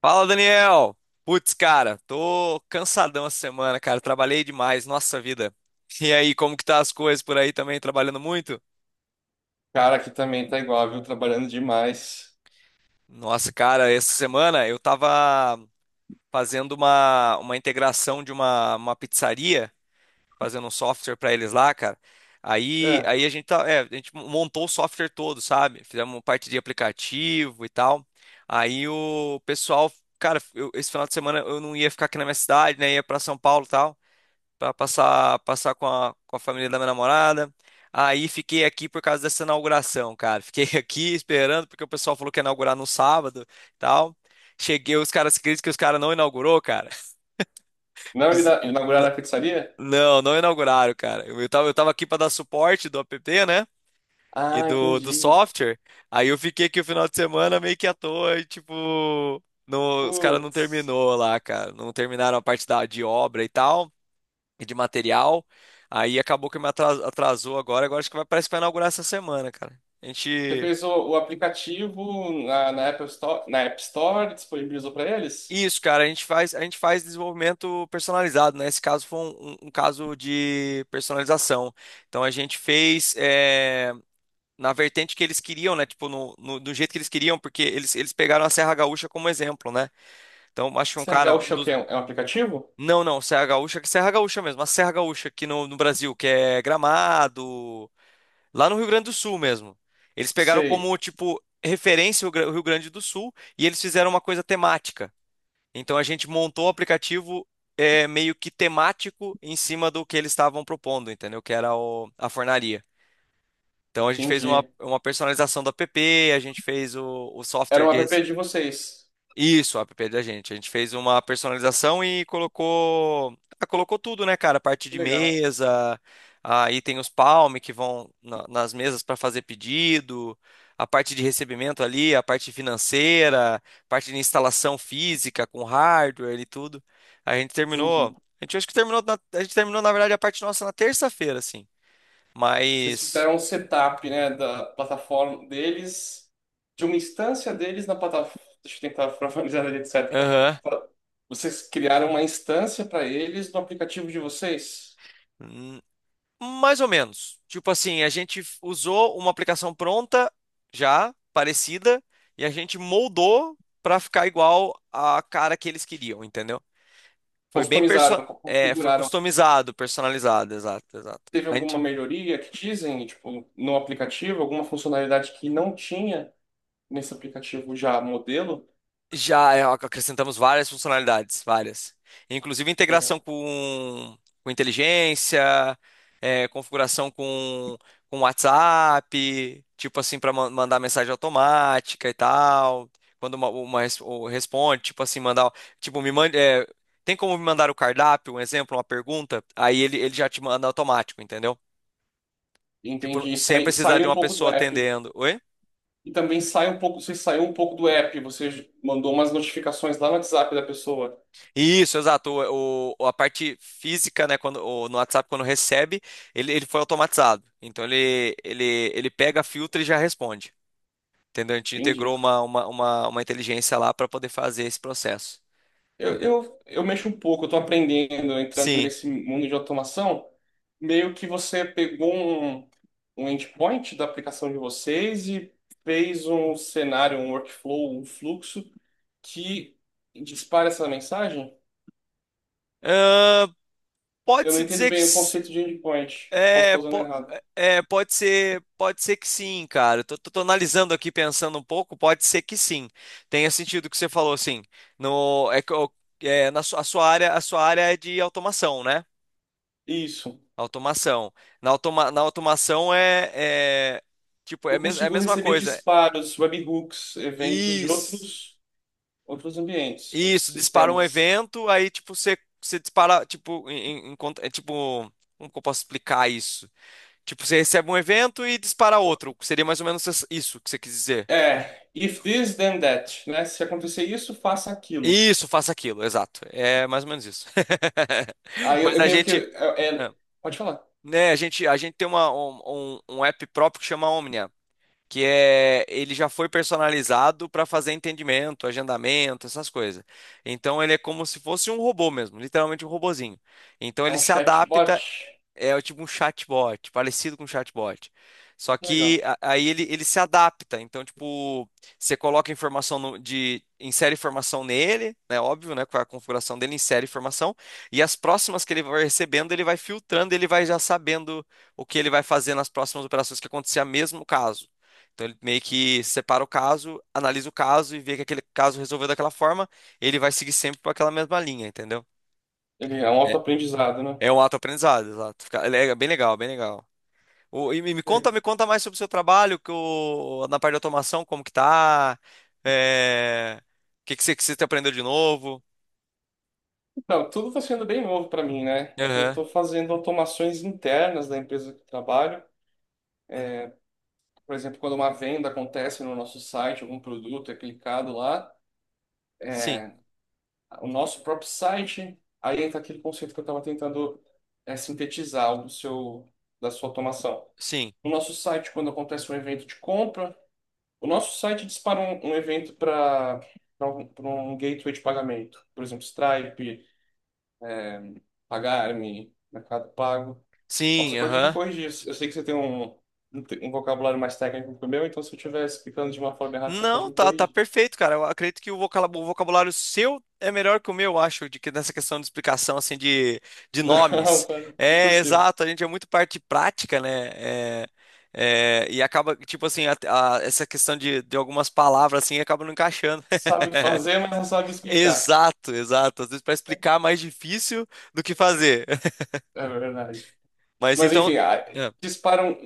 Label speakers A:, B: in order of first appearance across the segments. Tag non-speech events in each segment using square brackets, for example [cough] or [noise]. A: Fala, Daniel! Putz, cara, tô cansadão essa semana, cara. Trabalhei demais, nossa vida. E aí, como que tá as coisas por aí também, trabalhando muito?
B: Cara, aqui também tá igual, viu? Trabalhando demais.
A: Nossa, cara, essa semana eu tava fazendo uma integração de uma pizzaria, fazendo um software pra eles lá, cara. Aí,
B: É.
A: aí a gente montou o software todo, sabe? Fizemos parte de aplicativo e tal. Aí o pessoal, cara, esse final de semana eu não ia ficar aqui na minha cidade, né? Ia pra São Paulo e tal. Para passar com a família da minha namorada. Aí fiquei aqui por causa dessa inauguração, cara. Fiquei [laughs] aqui esperando porque o pessoal falou que ia inaugurar no sábado e tal. Cheguei, os caras acreditam que os caras não inaugurou, cara. [laughs]
B: Não
A: Fiz-
B: inauguraram
A: N-
B: a pizzaria?
A: Não, não inauguraram, cara. Eu tava aqui para dar suporte do app, né? E
B: Ah,
A: do
B: entendi.
A: software. Aí eu fiquei aqui o final de semana meio que à toa e tipo, os caras não
B: Putz.
A: terminou lá, cara. Não terminaram a parte de obra e tal e de material. Aí acabou que me atrasou agora. Agora acho que vai, parece que vai inaugurar essa semana, cara. A
B: Você
A: gente.
B: fez o aplicativo na Apple Store, na App Store, disponibilizou pra eles?
A: Isso, cara, a gente faz desenvolvimento personalizado, né? Esse caso foi um caso de personalização. Então a gente fez na vertente que eles queriam, né? Tipo, do jeito que eles queriam, porque eles pegaram a Serra Gaúcha como exemplo, né? Então acho que um
B: CR
A: cara, um
B: Gaúcho é o
A: dos.
B: quê? É um aplicativo?
A: Não, não, Serra Gaúcha, que Serra Gaúcha mesmo, a Serra Gaúcha aqui no Brasil, que é Gramado. Lá no Rio Grande do Sul mesmo. Eles pegaram
B: Sei,
A: como, tipo, referência o Rio Grande do Sul e eles fizeram uma coisa temática. Então a gente montou o aplicativo meio que temático em cima do que eles estavam propondo, entendeu? Que era a fornaria. Então a gente fez uma,
B: entendi.
A: uma personalização do app, a gente fez o
B: Era
A: software
B: um
A: de.
B: app de vocês.
A: Isso, o app da gente. A gente fez uma personalização e colocou, ah, colocou tudo, né, cara? Parte de
B: Legal,
A: mesa, aí tem os palme que vão nas mesas para fazer pedido, a parte de recebimento ali, a parte financeira, parte de instalação física com hardware e tudo. A gente
B: entendi.
A: terminou, a gente terminou na verdade a parte nossa na terça-feira, assim.
B: Vocês
A: Mas,
B: fizeram um setup, né, da plataforma deles, de uma instância deles na plataforma. Deixa eu tentar formalizar ali, etc.
A: aham.
B: Vocês criaram uma instância para eles no aplicativo de vocês?
A: Mais ou menos. Tipo assim, a gente usou uma aplicação pronta, já parecida, e a gente moldou para ficar igual à cara que eles queriam, entendeu? Foi bem perso
B: Customizaram,
A: é, foi
B: configuraram.
A: customizado, personalizado, exato, exato.
B: Teve alguma melhoria que dizem, tipo, no aplicativo, alguma funcionalidade que não tinha nesse aplicativo já modelo?
A: Já acrescentamos várias funcionalidades, várias. Inclusive integração
B: Legal.
A: com inteligência, configuração com WhatsApp, tipo assim, para mandar mensagem automática e tal. Quando uma ou responde, tipo assim, mandar. Tipo, me mande. Tem como me mandar o cardápio, um exemplo, uma pergunta? Aí ele já te manda automático, entendeu? Tipo,
B: Entendi. E
A: sem precisar de
B: Saiu um
A: uma
B: pouco do
A: pessoa
B: app.
A: atendendo. Oi?
B: E também você saiu um pouco do app, você mandou umas notificações lá no WhatsApp da pessoa.
A: Isso, exato. A parte física, né, quando, no WhatsApp, quando recebe, ele foi automatizado. Então ele pega, filtra e já responde. Entendeu? A gente integrou
B: Entendi.
A: uma inteligência lá para poder fazer esse processo.
B: Eu mexo um pouco, eu tô aprendendo, entrando
A: Sim.
B: nesse mundo de automação. Meio que você pegou um endpoint da aplicação de vocês e fez um cenário, um workflow, um fluxo que dispara essa mensagem.
A: Ahn,
B: Eu não
A: pode-se
B: entendo
A: dizer que
B: bem o conceito de endpoint. Posso
A: é,
B: estar usando
A: po-
B: errado.
A: pode ser que sim, cara. Eu tô analisando aqui, pensando um pouco, pode ser que sim. Tenha sentido o que você falou, assim. No, é, que eu- é, na sua, a sua área é de automação, né?
B: Isso.
A: Automação. Na automação é, é tipo, é,
B: Eu
A: mes é a
B: consigo
A: mesma
B: receber
A: coisa.
B: disparos, webhooks, eventos de
A: Isso.
B: outros ambientes, outros
A: Isso, dispara um
B: sistemas.
A: evento, aí tipo você dispara, tipo, tipo, como que eu posso explicar isso? Tipo, você recebe um evento e dispara outro. Seria mais ou menos isso que você quis dizer.
B: É, if this then that, né? Se acontecer isso, faça aquilo.
A: Isso, faça aquilo, exato. É mais ou menos isso. [laughs]
B: Aí eu,
A: Mas
B: eu
A: a
B: meio que.
A: gente, é,
B: Pode falar.
A: né, a gente tem uma, um, um um app próprio que chama Omnia, que é ele já foi personalizado para fazer entendimento, agendamento, essas coisas. Então ele é como se fosse um robô mesmo, literalmente um robozinho. Então
B: É
A: ele
B: um
A: se
B: chatbot.
A: adapta. É tipo um chatbot, parecido com um chatbot. Só que
B: Legal.
A: aí ele se adapta. Então, tipo, você coloca informação no- de. Insere informação nele, né? Óbvio, né? Com a configuração dele, insere informação. E as próximas que ele vai recebendo, ele vai filtrando, ele vai já sabendo o que ele vai fazer nas próximas operações que acontecer a mesmo caso. Então ele meio que separa o caso, analisa o caso e vê que aquele caso resolveu daquela forma, ele vai seguir sempre por aquela mesma linha, entendeu?
B: Ele é um
A: É,
B: autoaprendizado, né?
A: é um auto-aprendizado, exato. É bem legal, bem legal. E me me conta,
B: Legal.
A: me conta mais sobre o seu trabalho, que na parte de automação, como que tá? É, o que que você aprendeu de novo?
B: Então, tudo está sendo bem novo para mim, né? Eu
A: Aham.
B: estou fazendo automações internas da empresa que trabalho. Por exemplo, quando uma venda acontece no nosso site, algum produto é clicado lá,
A: Sim,
B: o nosso próprio site, aí entra aquele conceito que eu estava tentando sintetizar do seu, da sua automação.
A: sim,
B: O nosso site, quando acontece um evento de compra, o nosso site dispara um evento para pra um gateway de pagamento. Por exemplo, Stripe, Pagar.me, Mercado Pago. Ó, você
A: sim,
B: pode me
A: aham.
B: corrigir. Eu sei que você tem um, um vocabulário mais técnico que o meu, então se eu estiver explicando de uma forma errada, você pode
A: Não,
B: me
A: tá
B: corrigir.
A: perfeito, cara. Eu acredito que o o vocabulário seu é melhor que o meu, eu acho, de que nessa questão de explicação, assim, de,
B: [laughs]
A: de
B: Não,
A: nomes.
B: cara,
A: É,
B: impossível.
A: exato, a gente é muito parte prática, né? É, acaba, tipo assim, essa questão de algumas palavras, assim, acaba não encaixando.
B: Sabe
A: [laughs]
B: fazer, mas não sabe explicar.
A: Exato, exato. Às vezes para explicar é mais difícil do que fazer. [laughs]
B: É verdade.
A: Mas
B: Mas
A: então.
B: enfim,
A: é,
B: disparam.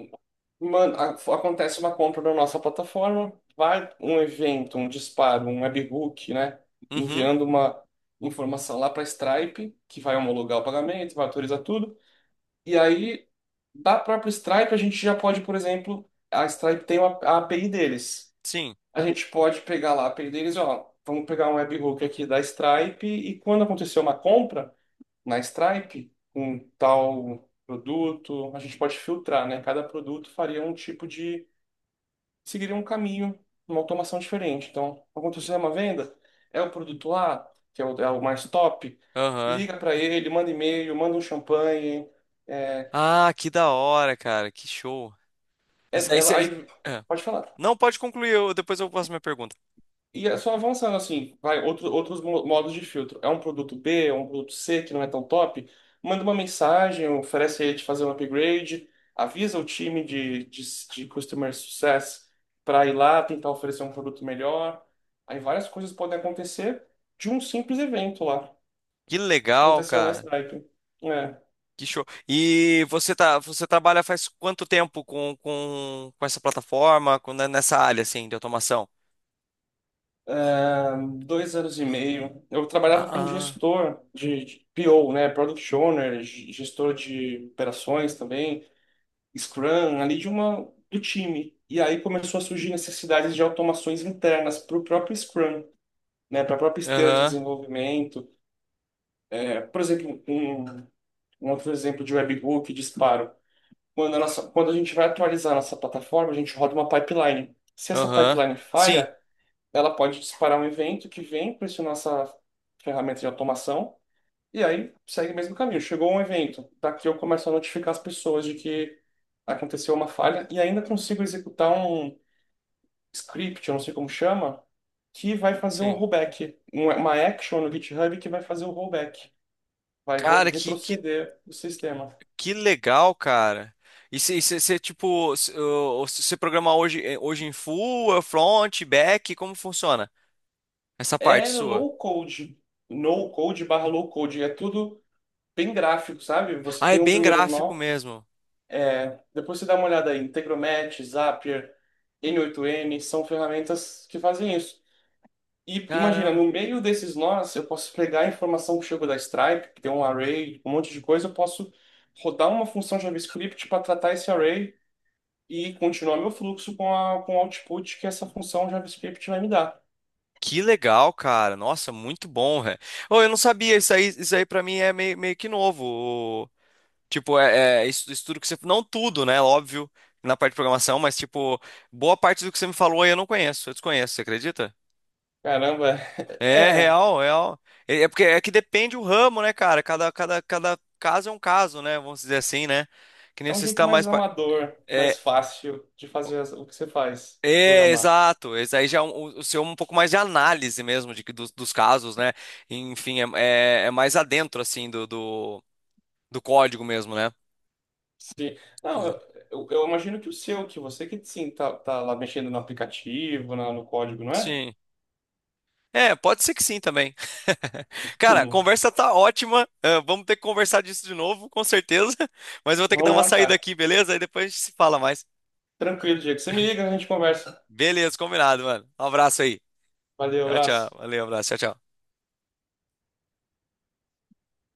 B: Mano, acontece uma compra na nossa plataforma, vai um evento, um disparo, um webhook, né?
A: Uhum,
B: Enviando uma informação lá para Stripe, que vai homologar o pagamento, vai autorizar tudo. E aí, da própria Stripe, a gente já pode, por exemplo, a Stripe tem a API deles.
A: sim.
B: A gente pode pegar lá a API deles, ó, vamos pegar um webhook aqui da Stripe e quando acontecer uma compra na Stripe um tal produto, a gente pode filtrar, né? Cada produto faria um tipo de, seguiria um caminho, uma automação diferente. Então, aconteceu uma venda, é o produto A, que é o mais top,
A: Aham.
B: liga para ele, manda e-mail, manda um champanhe, é,
A: Ah, que da hora, cara. Que show. Isso
B: é-
A: aí,
B: ela-
A: cê-
B: aí,
A: é.
B: pode falar.
A: Não, pode concluir, depois eu faço minha pergunta.
B: E é só avançando assim, vai outros modos de filtro. É um produto B, é um produto C que não é tão top? Manda uma mensagem, oferece a ele de fazer um upgrade, avisa o time de Customer Success para ir lá tentar oferecer um produto melhor. Aí várias coisas podem acontecer de um simples evento lá,
A: Que
B: que
A: legal,
B: aconteceu na
A: cara.
B: Stripe. É,
A: Que show. E você trabalha faz quanto tempo com essa plataforma, né, nessa área assim de automação?
B: dois anos e meio, eu
A: Ah,
B: trabalhava como
A: ah.
B: gestor de PO, né, Product Owner, gestor de operações também. Scrum ali de uma do time. E aí começou a surgir necessidades de automações internas para o próprio Scrum, né, para a própria esteira de
A: Aham,
B: desenvolvimento. É, por exemplo, um, outro exemplo de webhook, disparo. Quando a gente vai atualizar a nossa plataforma, a gente roda uma pipeline. Se essa
A: aham.
B: pipeline
A: Sim,
B: falha, ela pode disparar um evento que vem para essa nossa ferramenta de automação e aí segue o mesmo caminho. Chegou um evento, daqui eu começo a notificar as pessoas de que aconteceu uma falha e ainda consigo executar um script, eu não sei como chama, que vai fazer um
A: sim.
B: rollback, uma action no GitHub que vai fazer o rollback, vai vou
A: Cara,
B: retroceder o sistema.
A: que legal, cara. E você, tipo, você programar hoje, hoje, em full, front, back, como funciona essa parte
B: É
A: sua?
B: low code, no code barra low code, é tudo bem gráfico, sabe? Você
A: Ah, é
B: tem um
A: bem
B: primeiro
A: gráfico
B: nó,
A: mesmo.
B: depois você dá uma olhada aí, Integromat, Zapier, N8N, são ferramentas que fazem isso. E imagina,
A: Caramba.
B: no meio desses nós, eu posso pegar a informação que chegou da Stripe, que tem um array, um monte de coisa, eu posso rodar uma função JavaScript para tratar esse array e continuar meu fluxo com com o output que essa função JavaScript vai me dar.
A: Que legal, cara. Nossa, muito bom, velho. Oh, eu não sabia, isso aí pra mim é meio, meio que novo. O- Tipo, é isso, isso tudo que você... Não tudo, né? Óbvio, na parte de programação, mas, tipo, boa parte do que você me falou aí eu não conheço. Eu desconheço, você acredita?
B: Caramba, [laughs]
A: É
B: é,
A: real, real. É porque é que depende o ramo, né, cara? Cada caso é um caso, né? Vamos dizer assim, né? Que nem
B: é um
A: você
B: jeito
A: está mais.
B: mais amador, mais
A: É,
B: fácil de fazer o que você faz, de programar.
A: exato. Esse aí já é o seu é um pouco mais de análise mesmo dos casos, né? Enfim, é mais adentro, assim, do código mesmo, né?
B: Sim. Não, eu,
A: Exato.
B: eu- eu imagino que o seu, que você que sim, tá lá mexendo no aplicativo, no código, não é?
A: Sim. É, pode ser que sim também. [laughs] Cara, a
B: [laughs]
A: conversa tá ótima. Ah, vamos ter que conversar disso de novo, com certeza. [laughs] Mas eu vou ter que dar
B: Vamos
A: uma saída
B: marcar.
A: aqui, beleza? Aí depois a gente se fala mais.
B: Tranquilo, Diego. Você me liga, a gente conversa.
A: Beleza, combinado, mano. Um abraço aí.
B: Valeu,
A: Tchau, tchau.
B: abraço.
A: Valeu, um abraço. Tchau, tchau.